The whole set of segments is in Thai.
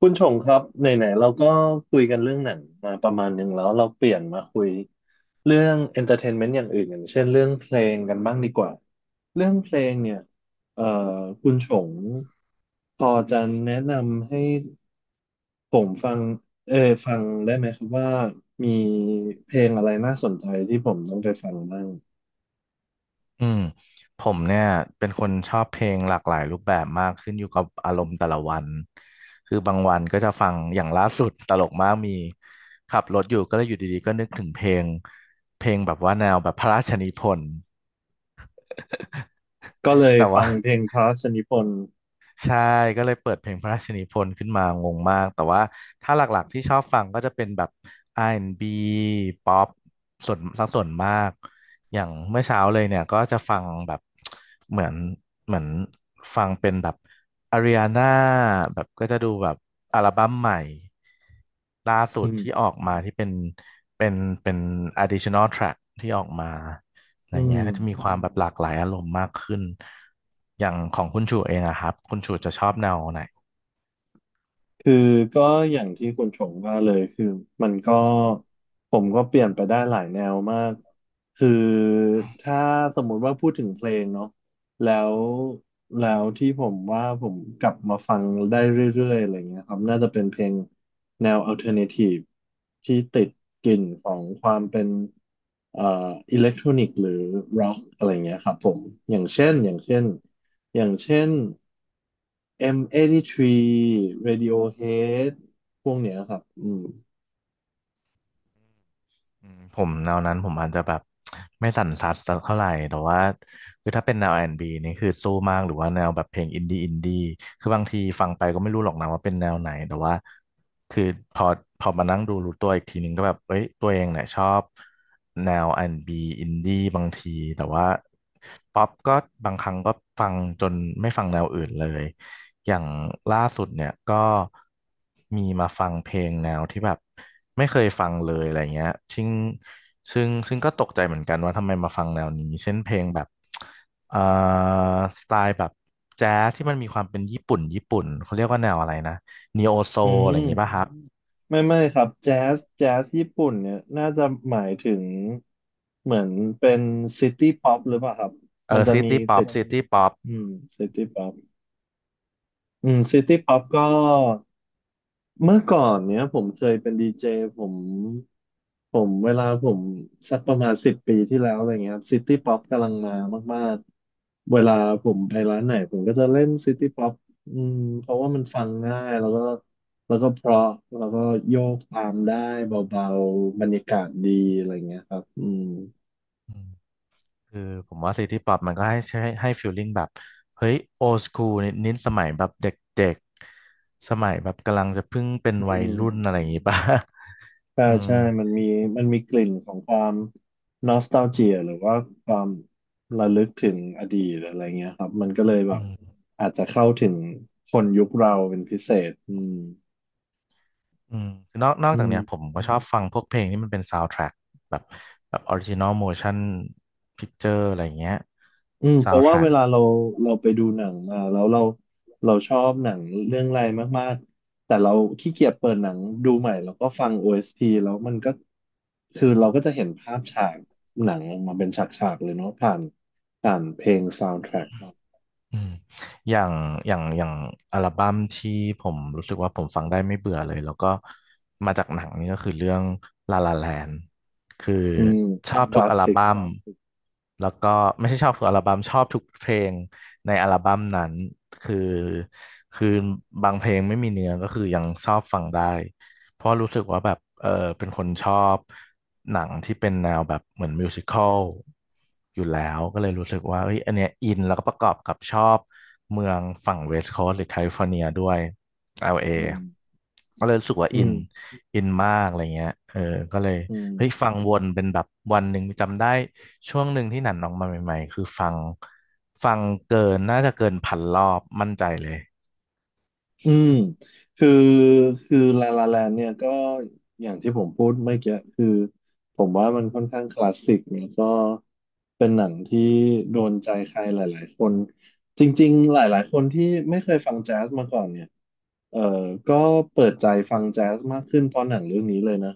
คุณชงครับไหนๆเราก็คุยกันเรื่องหนังมาประมาณหนึ่งแล้วเราเปลี่ยนมาคุยเรื่อง entertainment อย่างอื่นอย่างเช่นเรื่องเพลงกันบ้างดีกว่าเรื่องเพลงเนี่ยเอ่อคุณชงพอจะแนะนำให้ผมฟังเออฟังได้ไหมครับว่ามีเพลงอะไรน่าสนใจที่ผมต้องไปฟังบ้างอืมผมเนี่ยเป็นคนชอบเพลงหลากหลายรูปแบบมากขึ้นอยู่กับอารมณ์แต่ละวันคือบางวันก็จะฟังอย่างล่าสุดตลกมากมีขับรถอยู่ก็เลยอยู่ดีๆก็นึกถึงเพลงแบบว่าแนวแบบพระราชนิพนธ์ ก็เล ยแต่ฟัว่า งเพลงพระราชนิพนธ์ใช่ก็เลยเปิดเพลงพระราชนิพนธ์ขึ้นมางงมากแต่ว่าถ้าหลักๆที่ชอบฟังก็จะเป็นแบบ R&B ป๊อปส่วนสักส่วนมากอย่างเมื่อเช้าเลยเนี่ยก็จะฟังแบบเหมือนเหมือนฟังเป็นแบบอาริอาน่าแบบก็จะดูแบบอัลบั้มใหม่ ล่าสุอืดที่มออกมาที่เป็นเป็น additional track ที่ออกมาอะไรอืม เงี้ยก็จะมีความแบบหลากหลายอารมณ์มากขึ้นอย่างของคุณชูเองอะครับคุณชูจะชอบแนวไหน คือก็อย่างที่คุณชงว่าเลยคือมันก็ผมก็เปลี่ยนไปได้หลายแนวมากคือถ้าสมมุติว่าพูดถึงเพลงเนาะแล้วแล้วที่ผมว่าผมกลับมาฟังได้เรื่อยๆอะไรเงี้ยครับน่าจะเป็นเพลงแนว alternative ที่ติดกลิ่นของความเป็นเอ่ออิเล็กทรอนิกหรือร็อกอะไรเงี้ยครับผมอย่างเช่นอย่างเช่น อย่างเช่น M83 Radiohead พวกเนี้ยครับ อืมผมแนวนั้นผมอาจจะแบบ ไม่สั่นสัดสักเท่าไหร่แต่ว่าคือถ้าเป็นแนวอาร์แอนด์บีนี่คือสู้มากหรือว่าแนวแบบเพลงอินดี้คือบางทีฟังไปก็ไม่รู้หรอกนะว่าเป็นแนวไหนแต่ว่าคือพอพอมานั่งดูรู้ตัวอีกทีนึงก็แบบเอ้ยตัวเองเนี่ยชอบแนวอาร์แอนด์บีอินดี้บางทีแต่ว่าป๊อปก็บางครั้งก็ฟังจนไม่ฟังแนวอื่นเลย อย่างล่าสุดเนี่ยก็มีมาฟังเพลงแนวที่แบบไม่เคยฟังเลยอะไรเงี้ยซึ่งซึ่งก็ตกใจเหมือนกันว่าทำไมมาฟังแนวนี้ เช่นเพลงแบบเอ่อสไตล์แบบแจ๊สที่มันมีความเป็นญี่ปุ่นญี่ปุ่นเขาเรียกว่าแนวอะไรนะนีโอโซอือะมไรอย่างงี้ป่ะครับไม่ครับแจ๊สแจ๊สญี่ปุ่นเนี่ยน่าจะหมายถึงเหมือนเป็นซิตี้ป๊อปหรือเปล่าครับ เอมันอจะซิมีตี้ป๊อติปด ซิตี้ป๊อป อืมซิตี้ป๊อปซิตี้ป๊อปก็ เมื่อก่อนเนี้ยผมเคยเป็นดีเจผมผมเวลาผมสักประมาณสิบปีที่แล้วอะไรเงี้ยซิตี้ป๊อปกำลังมามากๆเวลาผมไปร้านไหนผมก็จะเล่นซิตี้ป๊อปอืมเพราะว่ามันฟังง่ายแล้วก็แล้วก็เพราะแล้วก็โยกตามได้เบาๆบรรยากาศดีอะไรเงี้ยครับคือผมว่าซิตี้ป๊อปมันก็ให้ฟีลลิ่งแบบเฮ้ยโอ s คูลนิดสมัยแบบเด็กๆสมัยแบบกำลังจะเพิ่งเป็นวัอืยม รุ่นอะไรอย่างงี้ป่ะ ใช่ อืมใช่มันมีมันมีกลิ่นของความนอสต a l เจียหรือว่าความระลึกถึงอดีตอะไรเงี้ยครับ มันก็เลยแบอืบมอาจจะเข้าถึงคนยุคเราเป็นพิเศษอืมคือนอกอืจากมเนี้ยผมก็ชอบฟังพวกเพลงที่มันเป็นซาว n d ทร็กแบบออริจินอลโมชั่นพิ c เจอร์อะไรอย่างเงี้ยเพซาว n ราะ d ทว่าร็เวก ลาเราเราไปดูหนังมาแล้วเราชอบหนังเรื่องอะไรมากๆ แต่เราขี้เกียจเปิดหนังดูใหม่แล้วก็ฟัง o s ีแล้วมันก็คือเราก็จะเห็นภาพฉากหนังออกมาเป็นฉากๆเลยเนาะผ่านเพลง soundtrack อืมอย่างอย่างอัลบั้มที่ผมรู้สึกว่าผมฟังได้ไม่เบื่อเลยแล้วก็มาจากหนังนี่ก็คือเรื่องลาลาแลนคืออืมชออืบคทุกลามสอัลสิกบั้คมลาสสิกแล้วก็ไม่ใช่ชอบทุกอัลบั้มชอบทุกเพลงในอัลบั้มนั้นคือคือบางเพลงไม่มีเนื้อก็คือยังชอบฟังได้ เพราะรู้สึกว่าแบบเออเป็นคนชอบหนังที่เป็นแนวแบบเหมือนมิวสิคอลอยู่แล้วก็เลยรู้สึกว่าเอ้ยอันเนี้ยอินแล้วก็ประกอบกับชอบเมืองฝั่งเวสต์โคสต์หรือแคลิฟอร์เนียด้วย LA อืมก็เลยรู้สึกว่าอือินมอินมากอะไรเงี้ยเออก็เลยอืเฮ้ยมฟังวนเป็นแบบวันหนึ่งจำได้ช่วงหนึ่งที่หนันออกมาใหม่ๆ คือฟังเกินน่าจะเกินพันรอบมั่นใจเลย อืมคือลาลาแลนเนี่ยก็อย่างที่ผมพูดเมื่อกี้คือผมว่ามันค่อนข้างคลาสสิกแนี่ก็เป็นหนังที่โดนใจใครหลายๆคนจริงๆหลายๆคนที่ไม่เคยฟังแจ๊สมาก่อนเนี่ยเออ ก็เปิดใจฟังแจ๊สมากขึ้นเพราะหนังเรื่องนี้เลยนะ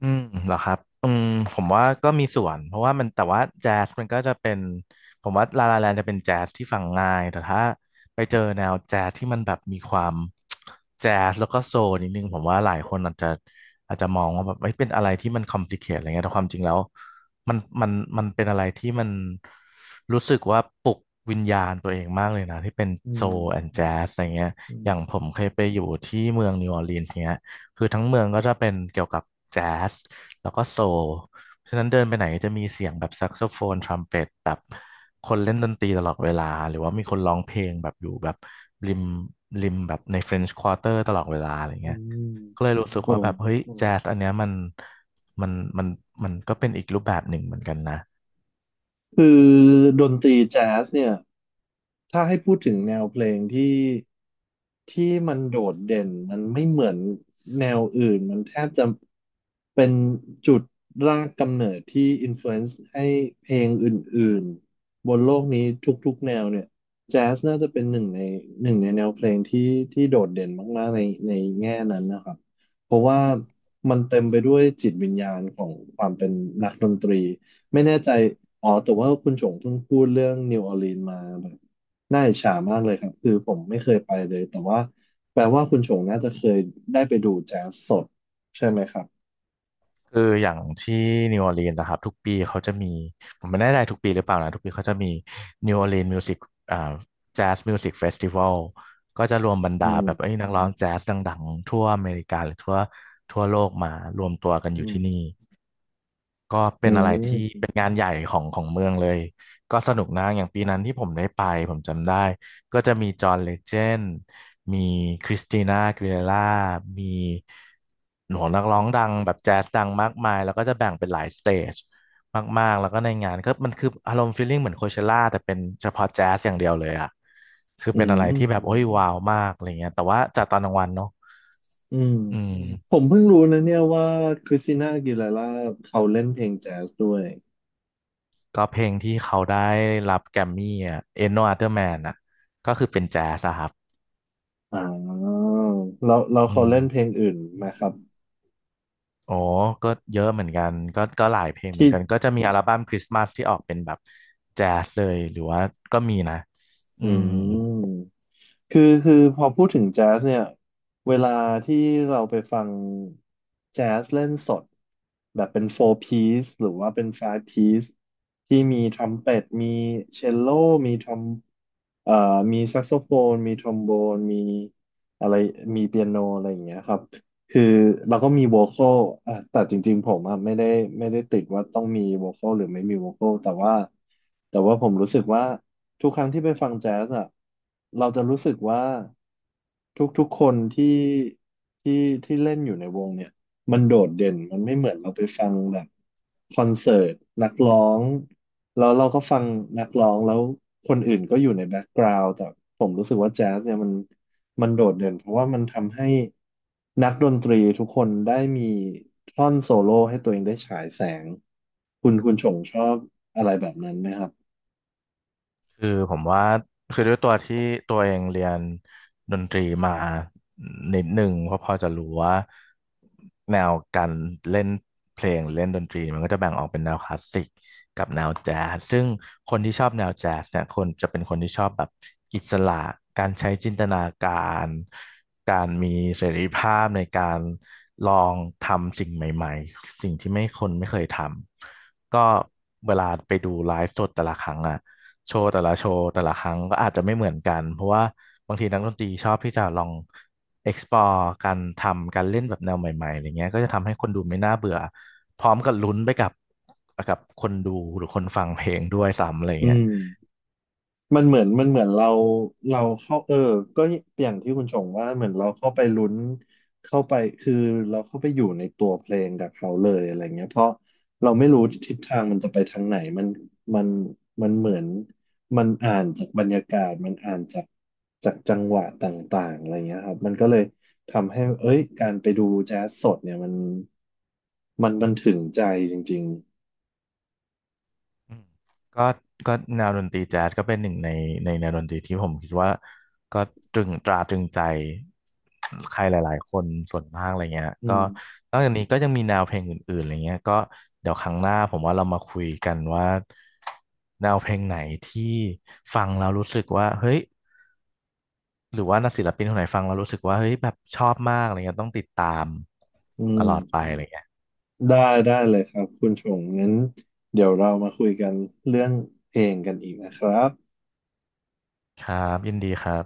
อืมเหรอครับอืมผมว่าก็มีส่วนเพราะว่ามันแต่ว่าแจ๊สมันก็จะเป็นผมว่าลาลาแลนจะเป็นแจ๊สที่ฟังง่ายแต่ถ้าไปเจอแนวแจ๊สที่มันแบบมีความแจ๊สแล้วก็โซลนิดนึงผมว่าหลายคนอาจจะมองว่าแบบไม่เป็นอะไรที่มันคอมพลีเคทอะไรเงี้ยแต่ความจริงแล้วมันมันมันเป็นอะไรที่มันรู้สึกว่าปลุกวิญญาณตัวเองมากเลยนะที่เป็นอืโซมลแอนด์แจ๊สอะไรเงี้ยอือมย่างผมเคยไปอยู่ที่เมืองนิวออร์ลีนส์เนี้ย คือทั้งเมืองก็จะเป็นเกี่ยวกับแจ๊สแล้วก็โซลเพราะฉะนั้นเดินไปไหนจะมีเสียงแบบแซกโซโฟนทรัมเป็ตแบบคนเล่นดนตรีตลอดเวลาหรือว่ามีคนร้องเพลงแบบอยู่แบบริมริมแบบใน French Quarter ตลอดเวลาอะไรอืเงี้ยมก็เลยรู้สึกผว่าแบมบเฮ้ยอแจ๊สอันเนี้ยมันมันมันมันก็เป็นอีกรูปแบบหนึ่งเหมือนกันนะ คือดนตรีแจ๊สเนี่ย ถ้าให้พูดถึงแนวเพลงที่มันโดดเด่นมันไม่เหมือนแนวอื่นมันแทบจะเป็นจุดรากกำเนิดที่อินฟลูเอนซ์ให้เพลงอื่นๆบนโลกนี้ทุกๆแนวเนี่ยแจ๊สน่าจะเป็นหนึ่งในแนวเพลงที่โดดเด่นมากๆในแง่นั้นนะครับเพราะว่ามันเต็มไปด้วยจิตวิญญาณของความเป็นนักดนตรีไม่แน่ใจอ๋อแต่ว่าคุณชงเพิ่งพูดเรื่องนิวออร์ลีนมา น่าอิจฉามากเลยครับคือผมไม่เคยไปเลยแต่ว่าแปลว่าคุณชงน่าจะเคยได้ไปดูแจ๊สสดใช่ไหมครับคืออย่างที่นิวออร์ลีนส์นะครับทุกปีเขาจะมีผมไม่แน่ใจทุกปีหรือเปล่านะทุกปีเขาจะมีนิวออร์ลีนส์มิวสิกอ่าแจ๊สมิวสิกเฟสติวัลก็จะรวมบรรอืดามแบบไอ้ยนักร้องแจ๊สดังๆทั่วอเมริกาหรือทั่วโลกมารวมตัวกันออืยู่ที่นี่ มก็อืเป็นอะไรที่มเป็นงานใหญ่ของเมืองเลยก็สนุกนะอย่างปีนั้นที่ผมได้ไปผมจำได้ก็จะมีจอห์นเลเจนด์มีคริสติน่าอากีเลร่ามีหนูนักร้องดังแบบแจ๊สดังมากมายแล้วก็จะแบ่งเป็นหลายสเตจมากๆแล้วก็ในงานก็มันคืออารมณ์ฟีลลิ่งเหมือนโคเชล่าแต่เป็นเฉพาะแจ๊สอย่างเดียวเลยอ่ะคืออืเป็นอะไรมที่แบบโอ้ยว้าวมากอะไรเงี้ยแต่ว่าจัดตอนกลางวันเนาะอืมอืผม มเพิ่งรู้นะเนี่ยว่าคริสติน่าอากีเลาร่าเขาเล่นเพลงแจ๊สด้วยก็เพลงที่เขาได้รับแกรมมี่อ่ะ Ain't No Other Man อ่ะก็คือเป็นแจ๊สอะครับอ่าแล้วแล้วอืเขามเล่นเพลงอื่นไหมครับโอ้ก็เยอะเหมือนกันก็หลายเพลงเหมือที่นกันก็จะมีอัลบั้มคริสต์มาสที่ออกเป็นแบบแจ๊สเลยหรือว่าก็มีนะอือืม ม คือพอพูดถึงแจ๊สเนี่ยเวลาที่เราไปฟังแจ๊สเล่นสดแบบเป็นโฟร์ piece หรือว่าเป็นไฟ v ์ piece ที่มีทรัมเป็ตมีเชลโลมีทรอมเอ่อมีแซกโซโฟนมีทรอมโบนมีอะไรมีเปียโนอะไรอย่างเงี้ยครับ คือเราก็มีโวคอลอ่ะแต่จริงๆผมอ่ะไม่ได้ติดว่าต้องมีโวคอลหรือไม่มีโวคอลแต่ว่าผมรู้สึกว่าทุกครั้งที่ไปฟังแจ๊สอ่ะเราจะรู้สึกว่าทุกๆคนที่ที่เล่นอยู่ในวงเนี่ย มันโดดเด่นมันไม่เหมือนเราไปฟังแบบคอนเสิร์ตนักร้องแล้วเราก็ฟังนักร้องแล้วคนอื่นก็อยู่ในแบ็กกราวด์แต่ผมรู้สึกว่าแจ๊สเนี่ยมันโดดเด่นเพราะว่ามันทำให้นักดนตรีทุกคนได้มีท่อนโซโล่ให้ตัวเองได้ฉายแสงคุณชงชอบอะไรแบบนั้นไหมครับคือผมว่าคือด้วยตัวที่ตัวเองเรียนดนตรีมานิดหนึ่งก็พอจะรู้ว่าแนวการเล่นเพลงเล่นดนตรีมันก็จะแบ่งออกเป็นแนวคลาสสิกกับแนวแจ๊สซึ่งคนที่ชอบแนวแจ๊สเนี่ยคนจะเป็นคนที่ชอบแบบอิสระการใช้จินตนาการการมีเสรีภาพในการลองทำสิ่งใหม่ๆสิ่งที่ไม่คนไม่เคยทำก็เวลาไปดูไลฟ์สดแต่ละครั้งอ่ะ โชว์แต่ละโชว์แต่ละครั้งก็อาจจะไม่เหมือนกันเพราะว่าบางทีนักดนตรีชอบที่จะลอง explore การทำการเล่นแบบแนวใหม่ๆอะไรเงี้ยก็จะทำให้คนดูไม่น่าเบื่อพร้อมกับลุ้นไปกับกับคนดูหรือคนฟังเพลงด้วยซ้ำอะไรอืเงี้ย ม มันเหมือนเราเราเข้าก็อย่างที่คุณชงว่าเหมือนเราเข้าไปลุ้นเข้าไปคือเราเข้าไปอยู่ในตัวเพลงกับเขาเลยอะไรเงี้ยเพราะเราไม่รู้ทิศทางมันจะไปทางไหนมันมันเหมือนมันอ่านจากบรรยากาศมันอ่านจากจากจังหวะต่างๆอะไรเงี้ยครับมันก็เลยทำให้เอ้ยการไปดูแจ๊สสดเนี่ยมันมันถึงใจจริงอืมก็ก็แนวดนตรีแจ๊สก็เป็นหนึ่งในในแนวดนตรีที่ผมคิดว่าก็ตรึงตราตรึงใจใครหลายๆคนส่วนมากอะไรเงี้ยๆก็นอกจากนี้ก็ยังมีแนวเพลงอื่นๆอะไรเงี้ยก็เดี๋ยวครั้งหน้าผมว่าเรามาคุยกันว่าแนวเพลงไหนที่ฟังแล้วรู้สึกว่าเฮ้ยหรือว่านักศิลปินคนไหนฟังแล้วรู้สึกว่าเฮ้ยแบบชอบมากอะไรเงี้ยต้องติดตามอืตม ลอดไปอะไรเงี้ยได้ได้เลยครับคุณชงงั้นเดี๋ยวเรามาคุยกันเรื่องเพลงกันอีกนะครับครับยินดีครับ